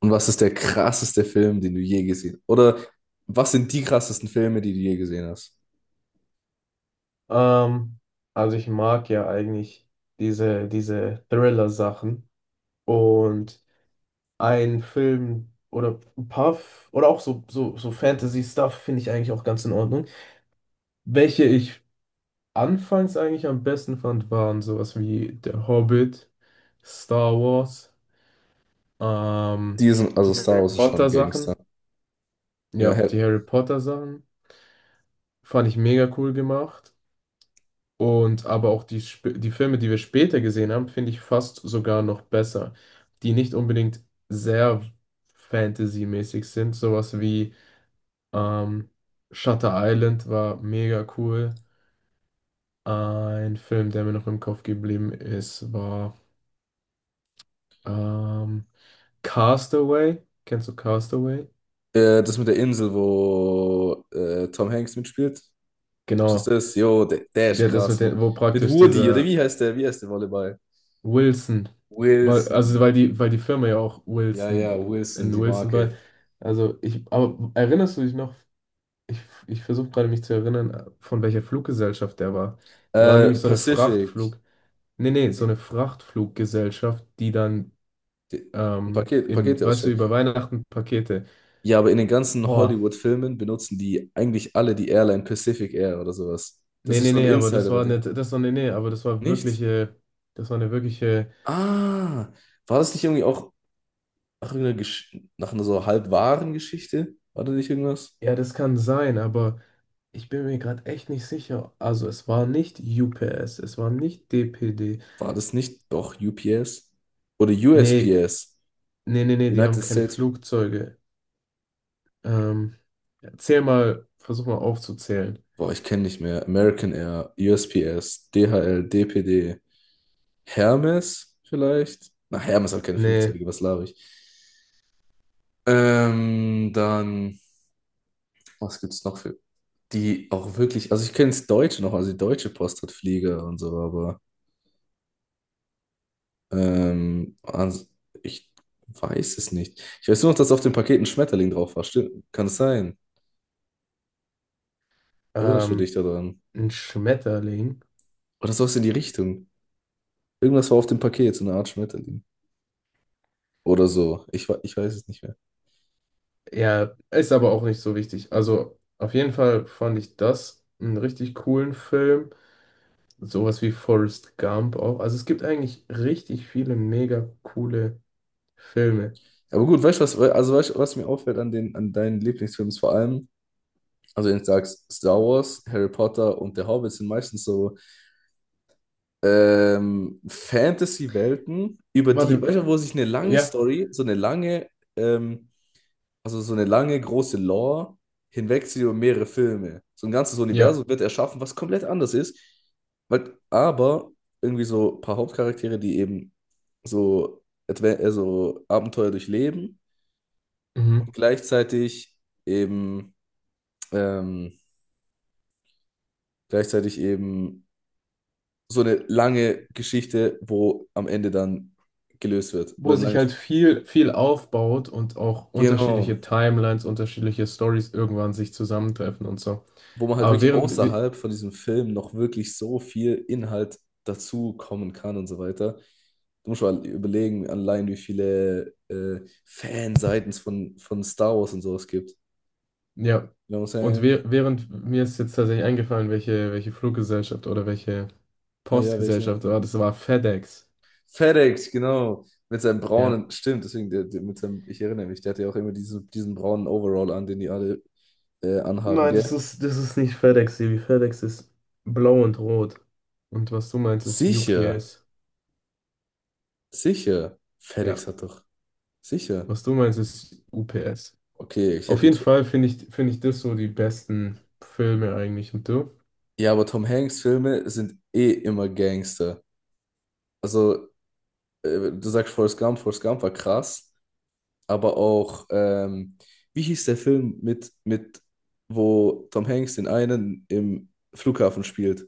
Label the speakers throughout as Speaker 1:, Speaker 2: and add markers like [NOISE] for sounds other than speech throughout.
Speaker 1: Und was ist der krasseste Film, den du je gesehen hast? Oder was sind die krassesten Filme, die du je gesehen hast?
Speaker 2: Ähm, also ich mag ja eigentlich diese Thriller-Sachen. Und ein Film oder ein paar oder auch so Fantasy-Stuff finde ich eigentlich auch ganz in Ordnung. Welche ich anfangs eigentlich am besten fand, waren sowas wie Der Hobbit, Star Wars, ähm,
Speaker 1: Die sind, also
Speaker 2: die
Speaker 1: Star
Speaker 2: Harry
Speaker 1: Wars ist schon
Speaker 2: Potter-Sachen.
Speaker 1: Gangster.
Speaker 2: Ja,
Speaker 1: Ja,
Speaker 2: die
Speaker 1: hell.
Speaker 2: Harry Potter-Sachen fand ich mega cool gemacht. Und aber auch die Filme, die wir später gesehen haben, finde ich fast sogar noch besser, die nicht unbedingt sehr Fantasy-mäßig sind. Sowas wie ähm, Shutter Island war mega cool. Ein Film, der mir noch im Kopf geblieben ist, war ähm, Castaway. Kennst du Castaway?
Speaker 1: Das mit der Insel, wo Tom Hanks mitspielt. Das
Speaker 2: Genau.
Speaker 1: ist das. Jo, der ist
Speaker 2: Der das mit
Speaker 1: krass. Mit,
Speaker 2: den, wo
Speaker 1: mit
Speaker 2: praktisch
Speaker 1: Woody, oder
Speaker 2: dieser
Speaker 1: wie heißt der? Wie heißt der Volleyball?
Speaker 2: Wilson. Weil, also
Speaker 1: Wilson.
Speaker 2: weil die Firma ja auch
Speaker 1: Ja, ja,
Speaker 2: Wilson
Speaker 1: Wilson,
Speaker 2: in
Speaker 1: die
Speaker 2: Wilson bei.
Speaker 1: Marke.
Speaker 2: Also ich, aber erinnerst du dich noch? Ich, ich versuche gerade mich zu erinnern, von welcher Fluggesellschaft der war. Die waren nämlich so eine
Speaker 1: Pacific.
Speaker 2: Frachtflug. Nee, nee, so
Speaker 1: Die,
Speaker 2: eine Frachtfluggesellschaft, die dann
Speaker 1: ein Paket, Pakete
Speaker 2: weißt du,
Speaker 1: ausstellt.
Speaker 2: über Weihnachten Pakete.
Speaker 1: Ja, aber in den ganzen
Speaker 2: Boah,
Speaker 1: Hollywood-Filmen benutzen die eigentlich alle die Airline Pacific Air oder sowas. Das
Speaker 2: nee,
Speaker 1: ist
Speaker 2: nee,
Speaker 1: so ein
Speaker 2: nee, aber das
Speaker 1: Insider bei
Speaker 2: war
Speaker 1: denen.
Speaker 2: nicht, nee, nee, aber
Speaker 1: Nicht?
Speaker 2: das war eine wirkliche,
Speaker 1: Ah, war das nicht irgendwie auch nach irgendeiner, Gesch nach einer so halb wahren Geschichte? War da nicht irgendwas?
Speaker 2: ja, das kann sein, aber. Ich bin mir gerade echt nicht sicher. Also es war nicht UPS, es war nicht DPD.
Speaker 1: War das nicht doch UPS? Oder
Speaker 2: Nee,
Speaker 1: USPS?
Speaker 2: nee, nee, nee, die haben
Speaker 1: United
Speaker 2: keine
Speaker 1: States?
Speaker 2: Flugzeuge. Ähm, Zähl mal, versuch mal aufzuzählen.
Speaker 1: Boah, ich kenne nicht mehr. American Air, USPS, DHL, DPD, Hermes vielleicht? Na, Hermes hat keine
Speaker 2: Nee,
Speaker 1: Flugzeuge, was laber ich? Dann, was gibt's noch für. Die auch wirklich, also ich kenne das Deutsche noch, also die Deutsche Post hat Flieger und so, aber ähm, ans- ich weiß es nicht. Ich weiß nur noch, dass auf dem Paket ein Schmetterling drauf war. Stimmt, kann es sein? Erinnerst du
Speaker 2: ähm,
Speaker 1: dich daran?
Speaker 2: ein Schmetterling.
Speaker 1: Oder sowas in die Richtung. Irgendwas war auf dem Paket, so eine Art Schmetterling. Oder so. Ich weiß es nicht mehr.
Speaker 2: Ja, ist aber auch nicht so wichtig. Also auf jeden Fall fand ich das einen richtig coolen Film. Sowas wie Forrest Gump auch. Also es gibt eigentlich richtig viele mega coole Filme.
Speaker 1: Aber gut, weißt du, also weißt, du, was mir auffällt an an deinen Lieblingsfilmen ist vor allem, also wenn du sagst, Star Wars, Harry Potter und der Hobbit sind meistens so Fantasy-Welten, über die,
Speaker 2: Warte,
Speaker 1: weißt du, wo sich eine lange
Speaker 2: ja,
Speaker 1: Story, ähm, so eine lange große Lore hinwegzieht über mehrere Filme. So ein ganzes
Speaker 2: ja.
Speaker 1: Universum wird erschaffen, was komplett anders ist, weil, aber irgendwie so ein paar Hauptcharaktere, die eben so, so Abenteuer durchleben und
Speaker 2: Mhm.
Speaker 1: eben, ähm, gleichzeitig eben so eine lange Geschichte, wo am Ende dann gelöst wird oder
Speaker 2: Wo
Speaker 1: ein
Speaker 2: sich halt
Speaker 1: langes.
Speaker 2: viel, viel aufbaut und auch unterschiedliche
Speaker 1: Genau,
Speaker 2: Timelines, unterschiedliche Stories irgendwann sich zusammentreffen und so.
Speaker 1: wo man halt
Speaker 2: Aber
Speaker 1: wirklich
Speaker 2: während, we-
Speaker 1: außerhalb von diesem Film noch wirklich so viel Inhalt dazu kommen kann und so weiter. Du musst mal überlegen, allein wie viele Fanseiten von Star Wars und sowas gibt. You
Speaker 2: ja,
Speaker 1: know what I'm saying?
Speaker 2: während mir ist jetzt tatsächlich eingefallen, welche Fluggesellschaft oder welche
Speaker 1: Ah ja, welche?
Speaker 2: Postgesellschaft war, das war FedEx.
Speaker 1: FedEx, genau. Mit seinem
Speaker 2: Ja.
Speaker 1: braunen, stimmt, deswegen, mit seinem, ich erinnere mich, der hatte ja auch immer diesen braunen Overall an, den die alle anhaben,
Speaker 2: Nein, das
Speaker 1: gell?
Speaker 2: ist, das ist nicht FedEx, Sebi. FedEx ist blau und rot. Und was du meinst, ist
Speaker 1: Sicher,
Speaker 2: UPS.
Speaker 1: sicher. FedEx
Speaker 2: Ja,
Speaker 1: hat doch, sicher.
Speaker 2: was du meinst, ist UPS.
Speaker 1: Okay, ich
Speaker 2: Auf
Speaker 1: hätte
Speaker 2: jeden
Speaker 1: jetzt.
Speaker 2: Fall finde ich das so die besten Filme eigentlich. Und du?
Speaker 1: Ja, aber Tom Hanks Filme sind eh immer Gangster. Also, du sagst Forrest Gump, Forrest Gump war krass, aber auch, wie hieß der Film wo Tom Hanks den einen im Flughafen spielt?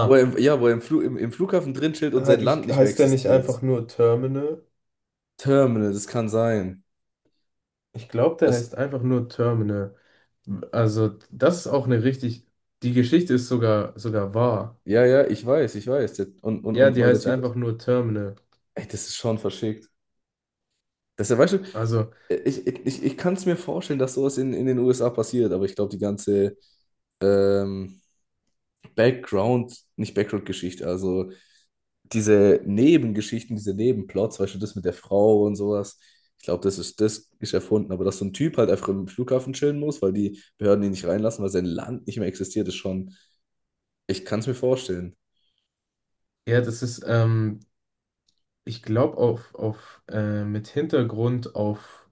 Speaker 1: Wo er im, ja, wo er im Flughafen drin chillt und sein Land nicht mehr
Speaker 2: Heißt der nicht
Speaker 1: existiert.
Speaker 2: einfach nur Terminal?
Speaker 1: Terminal, das kann sein.
Speaker 2: Ich glaube, der
Speaker 1: Das,
Speaker 2: heißt einfach nur Terminal. Also, das ist auch eine richtig. Die Geschichte ist sogar wahr.
Speaker 1: ja, ja, ich weiß, ich weiß. Der, und, und,
Speaker 2: Ja,
Speaker 1: und
Speaker 2: die
Speaker 1: weil der
Speaker 2: heißt
Speaker 1: Typ
Speaker 2: einfach
Speaker 1: ist.
Speaker 2: nur Terminal.
Speaker 1: Ey, das ist schon verschickt. Das ist ja, weißt du,
Speaker 2: Also,
Speaker 1: ich kann es mir vorstellen, dass sowas in den USA passiert, aber ich glaube, die ganze ähm, Background, nicht Background-Geschichte, also diese Nebengeschichten, diese Nebenplots, weißt du, das mit der Frau und sowas, ich glaube, das ist erfunden, aber dass so ein Typ halt einfach im Flughafen chillen muss, weil die Behörden ihn nicht reinlassen, weil sein Land nicht mehr existiert, ist schon, ich kann es mir vorstellen.
Speaker 2: ja, ich glaube, mit Hintergrund auf,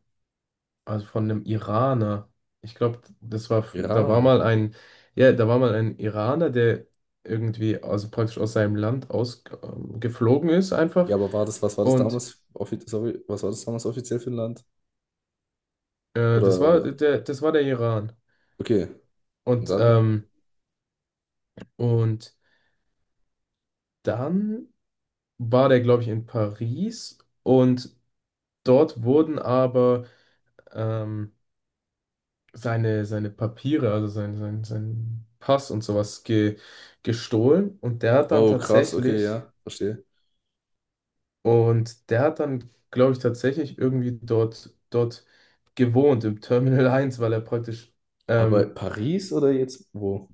Speaker 2: also von einem Iraner. Ich glaube, da war
Speaker 1: Iran.
Speaker 2: mal ein, ja, da war mal ein Iraner, der irgendwie, also praktisch aus seinem Land ausgeflogen ist einfach.
Speaker 1: Ja, aber
Speaker 2: Und
Speaker 1: was war das damals offiziell für ein Land?
Speaker 2: Das war
Speaker 1: Oder,
Speaker 2: der, das war der Iran.
Speaker 1: okay, und
Speaker 2: Und,
Speaker 1: dann?
Speaker 2: ähm, und dann war der, glaube ich, in Paris und dort wurden aber ähm, seine Papiere, also sein Pass und sowas gestohlen. Und der hat dann
Speaker 1: Oh, krass, okay,
Speaker 2: tatsächlich,
Speaker 1: ja, verstehe.
Speaker 2: und der hat dann, glaube ich, tatsächlich irgendwie dort gewohnt, im Terminal [LAUGHS] 1, weil er praktisch
Speaker 1: Aber
Speaker 2: ähm,
Speaker 1: Paris oder jetzt wo?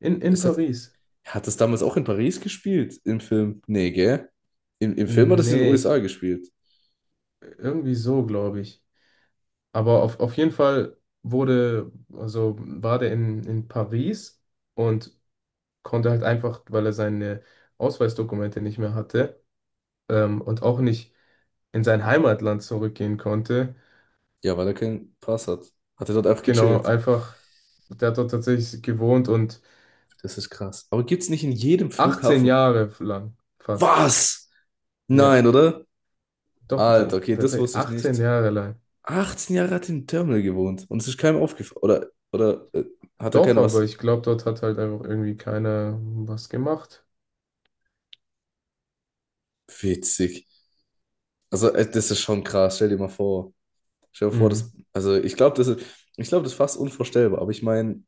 Speaker 2: in
Speaker 1: Ist das,
Speaker 2: Paris.
Speaker 1: hat das damals auch in Paris gespielt im Film? Nee, gell? Im Film hat es in den
Speaker 2: Nee, ich,
Speaker 1: USA gespielt.
Speaker 2: irgendwie so, glaube ich. Aber auf jeden Fall wurde, also war der in Paris und konnte halt einfach, weil er seine Ausweisdokumente nicht mehr hatte, und auch nicht in sein Heimatland zurückgehen konnte,
Speaker 1: Ja, weil er keinen Pass hat. Hat er dort einfach
Speaker 2: genau,
Speaker 1: gechillt.
Speaker 2: einfach, der hat dort tatsächlich gewohnt und
Speaker 1: Das ist krass. Aber gibt's nicht in jedem
Speaker 2: 18
Speaker 1: Flughafen.
Speaker 2: Jahre lang fast.
Speaker 1: Was?
Speaker 2: Ja,
Speaker 1: Nein, oder?
Speaker 2: doch,
Speaker 1: Alter, okay, das
Speaker 2: tatsächlich
Speaker 1: wusste ich
Speaker 2: 18
Speaker 1: nicht.
Speaker 2: Jahre lang.
Speaker 1: 18 Jahre hat er im Terminal gewohnt und es ist keinem aufgefallen. Oder hat er
Speaker 2: Doch,
Speaker 1: keiner
Speaker 2: aber
Speaker 1: was?
Speaker 2: ich glaube, dort hat halt einfach irgendwie keiner was gemacht.
Speaker 1: Witzig. Also, das ist schon krass. Stell dir mal vor. Stell dir vor,
Speaker 2: Mhm.
Speaker 1: also ich glaube, das ist fast unvorstellbar, aber ich meine,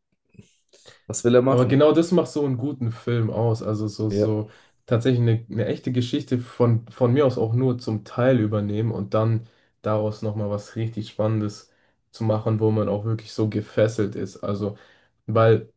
Speaker 1: was will er
Speaker 2: Aber
Speaker 1: machen?
Speaker 2: genau das macht so einen guten Film aus. Also so,
Speaker 1: Ja,
Speaker 2: so tatsächlich eine echte Geschichte von mir aus auch nur zum Teil übernehmen und dann daraus nochmal was richtig Spannendes zu machen, wo man auch wirklich so gefesselt ist. Also, weil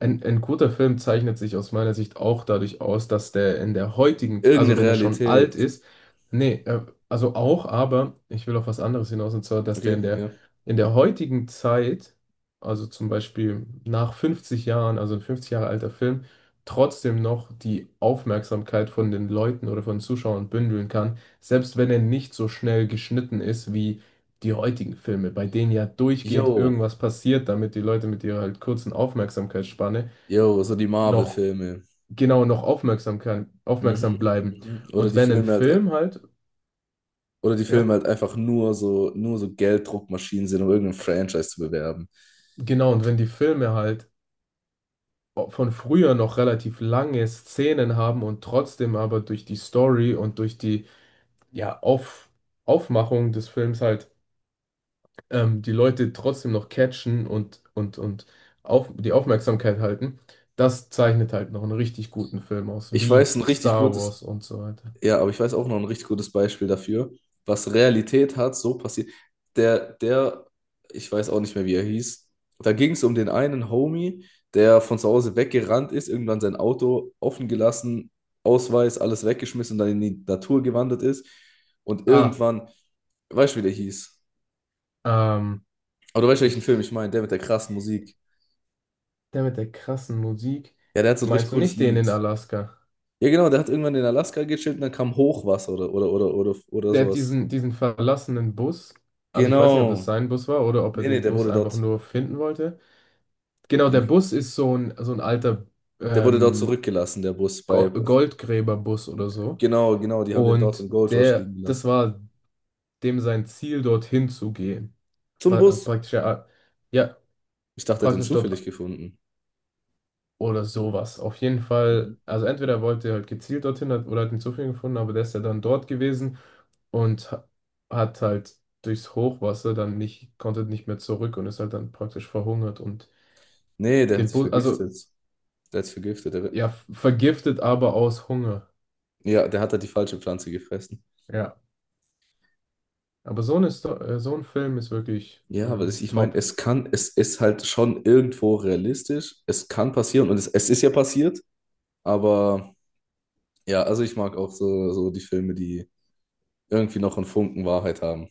Speaker 2: ein guter Film zeichnet sich aus meiner Sicht auch dadurch aus, dass der in der heutigen, also
Speaker 1: irgendeine
Speaker 2: wenn er schon alt
Speaker 1: Realität.
Speaker 2: ist, nee, also auch, aber ich will auf was anderes hinaus, und zwar, dass der
Speaker 1: Okay,
Speaker 2: in der,
Speaker 1: ja.
Speaker 2: in der heutigen Zeit, also zum Beispiel nach 50 Jahren, also ein 50 Jahre alter Film, trotzdem noch die Aufmerksamkeit von den Leuten oder von Zuschauern bündeln kann, selbst wenn er nicht so schnell geschnitten ist wie die heutigen Filme, bei denen ja durchgehend
Speaker 1: Yo,
Speaker 2: irgendwas passiert, damit die Leute mit ihrer halt kurzen Aufmerksamkeitsspanne
Speaker 1: yo, so die
Speaker 2: noch
Speaker 1: Marvel-Filme.
Speaker 2: genau noch aufmerksam kann, aufmerksam
Speaker 1: Mhm.
Speaker 2: bleiben.
Speaker 1: Mhm.
Speaker 2: Und wenn ein Film halt,
Speaker 1: Oder die Filme
Speaker 2: ja,
Speaker 1: halt einfach nur so Gelddruckmaschinen sind, um irgendein Franchise zu bewerben.
Speaker 2: genau, und wenn die Filme halt von früher noch relativ lange Szenen haben und trotzdem aber durch die Story und durch die ja, Aufmachung des Films halt die Leute trotzdem noch catchen und die Aufmerksamkeit halten, das zeichnet halt noch einen richtig guten Film aus,
Speaker 1: Ich
Speaker 2: wie
Speaker 1: weiß, ein richtig
Speaker 2: Star
Speaker 1: gutes,
Speaker 2: Wars und so weiter.
Speaker 1: Ja, aber ich weiß auch noch ein richtig gutes Beispiel dafür, was Realität hat, so passiert. Der, der, ich weiß auch nicht mehr, wie er hieß. Da ging es um den einen Homie, der von zu Hause weggerannt ist, irgendwann sein Auto offen gelassen, Ausweis, alles weggeschmissen und dann in die Natur gewandert ist. Und
Speaker 2: Ah,
Speaker 1: irgendwann, weißt du, wie der hieß?
Speaker 2: ähm,
Speaker 1: Aber du weißt, welchen Film
Speaker 2: ich
Speaker 1: ich meine, der mit der krassen Musik.
Speaker 2: Der mit der krassen Musik.
Speaker 1: Ja, der hat so ein richtig
Speaker 2: Meinst du
Speaker 1: cooles
Speaker 2: nicht den
Speaker 1: Lied.
Speaker 2: in Alaska?
Speaker 1: Ja, genau, der hat irgendwann in Alaska gechillt und dann kam Hochwasser oder
Speaker 2: Der hat
Speaker 1: sowas.
Speaker 2: diesen verlassenen Bus. Also ich weiß nicht, ob das
Speaker 1: Genau.
Speaker 2: sein Bus war oder ob er
Speaker 1: Nee, nee,
Speaker 2: den
Speaker 1: der
Speaker 2: Bus
Speaker 1: wurde
Speaker 2: einfach
Speaker 1: dort.
Speaker 2: nur finden wollte. Genau, der
Speaker 1: Den,
Speaker 2: Bus ist so ein alter
Speaker 1: der wurde dort
Speaker 2: ähm,
Speaker 1: zurückgelassen, der Bus. Bei,
Speaker 2: Goldgräberbus oder so.
Speaker 1: genau, genau, die haben den dort
Speaker 2: Und
Speaker 1: im Gold Rush
Speaker 2: der,
Speaker 1: liegen
Speaker 2: das
Speaker 1: gelassen.
Speaker 2: war dem sein Ziel, dorthin zu gehen.
Speaker 1: Zum
Speaker 2: Pra äh,
Speaker 1: Bus.
Speaker 2: praktisch, ja, ja,
Speaker 1: Ich dachte, er hat den
Speaker 2: praktisch
Speaker 1: zufällig
Speaker 2: dort.
Speaker 1: gefunden.
Speaker 2: Oder sowas. Auf jeden
Speaker 1: Mhm.
Speaker 2: Fall, also entweder wollte er halt gezielt dorthin hat, oder hat einen Zufall gefunden, aber der ist ja dann dort gewesen und hat halt durchs Hochwasser dann nicht, konnte nicht mehr zurück und ist halt dann praktisch verhungert und
Speaker 1: Nee, der hat
Speaker 2: den
Speaker 1: sich
Speaker 2: Bu also
Speaker 1: vergiftet. Der hat sich vergiftet. Der,
Speaker 2: ja, vergiftet, aber aus Hunger.
Speaker 1: ja, der hat da die falsche Pflanze gefressen.
Speaker 2: Ja. Aber so ein Film ist wirklich
Speaker 1: Ja, aber das, ich meine,
Speaker 2: top.
Speaker 1: es kann, es ist halt schon irgendwo realistisch. Es kann passieren und es ist ja passiert. Aber ja, also ich mag auch so die Filme, die irgendwie noch einen Funken Wahrheit haben.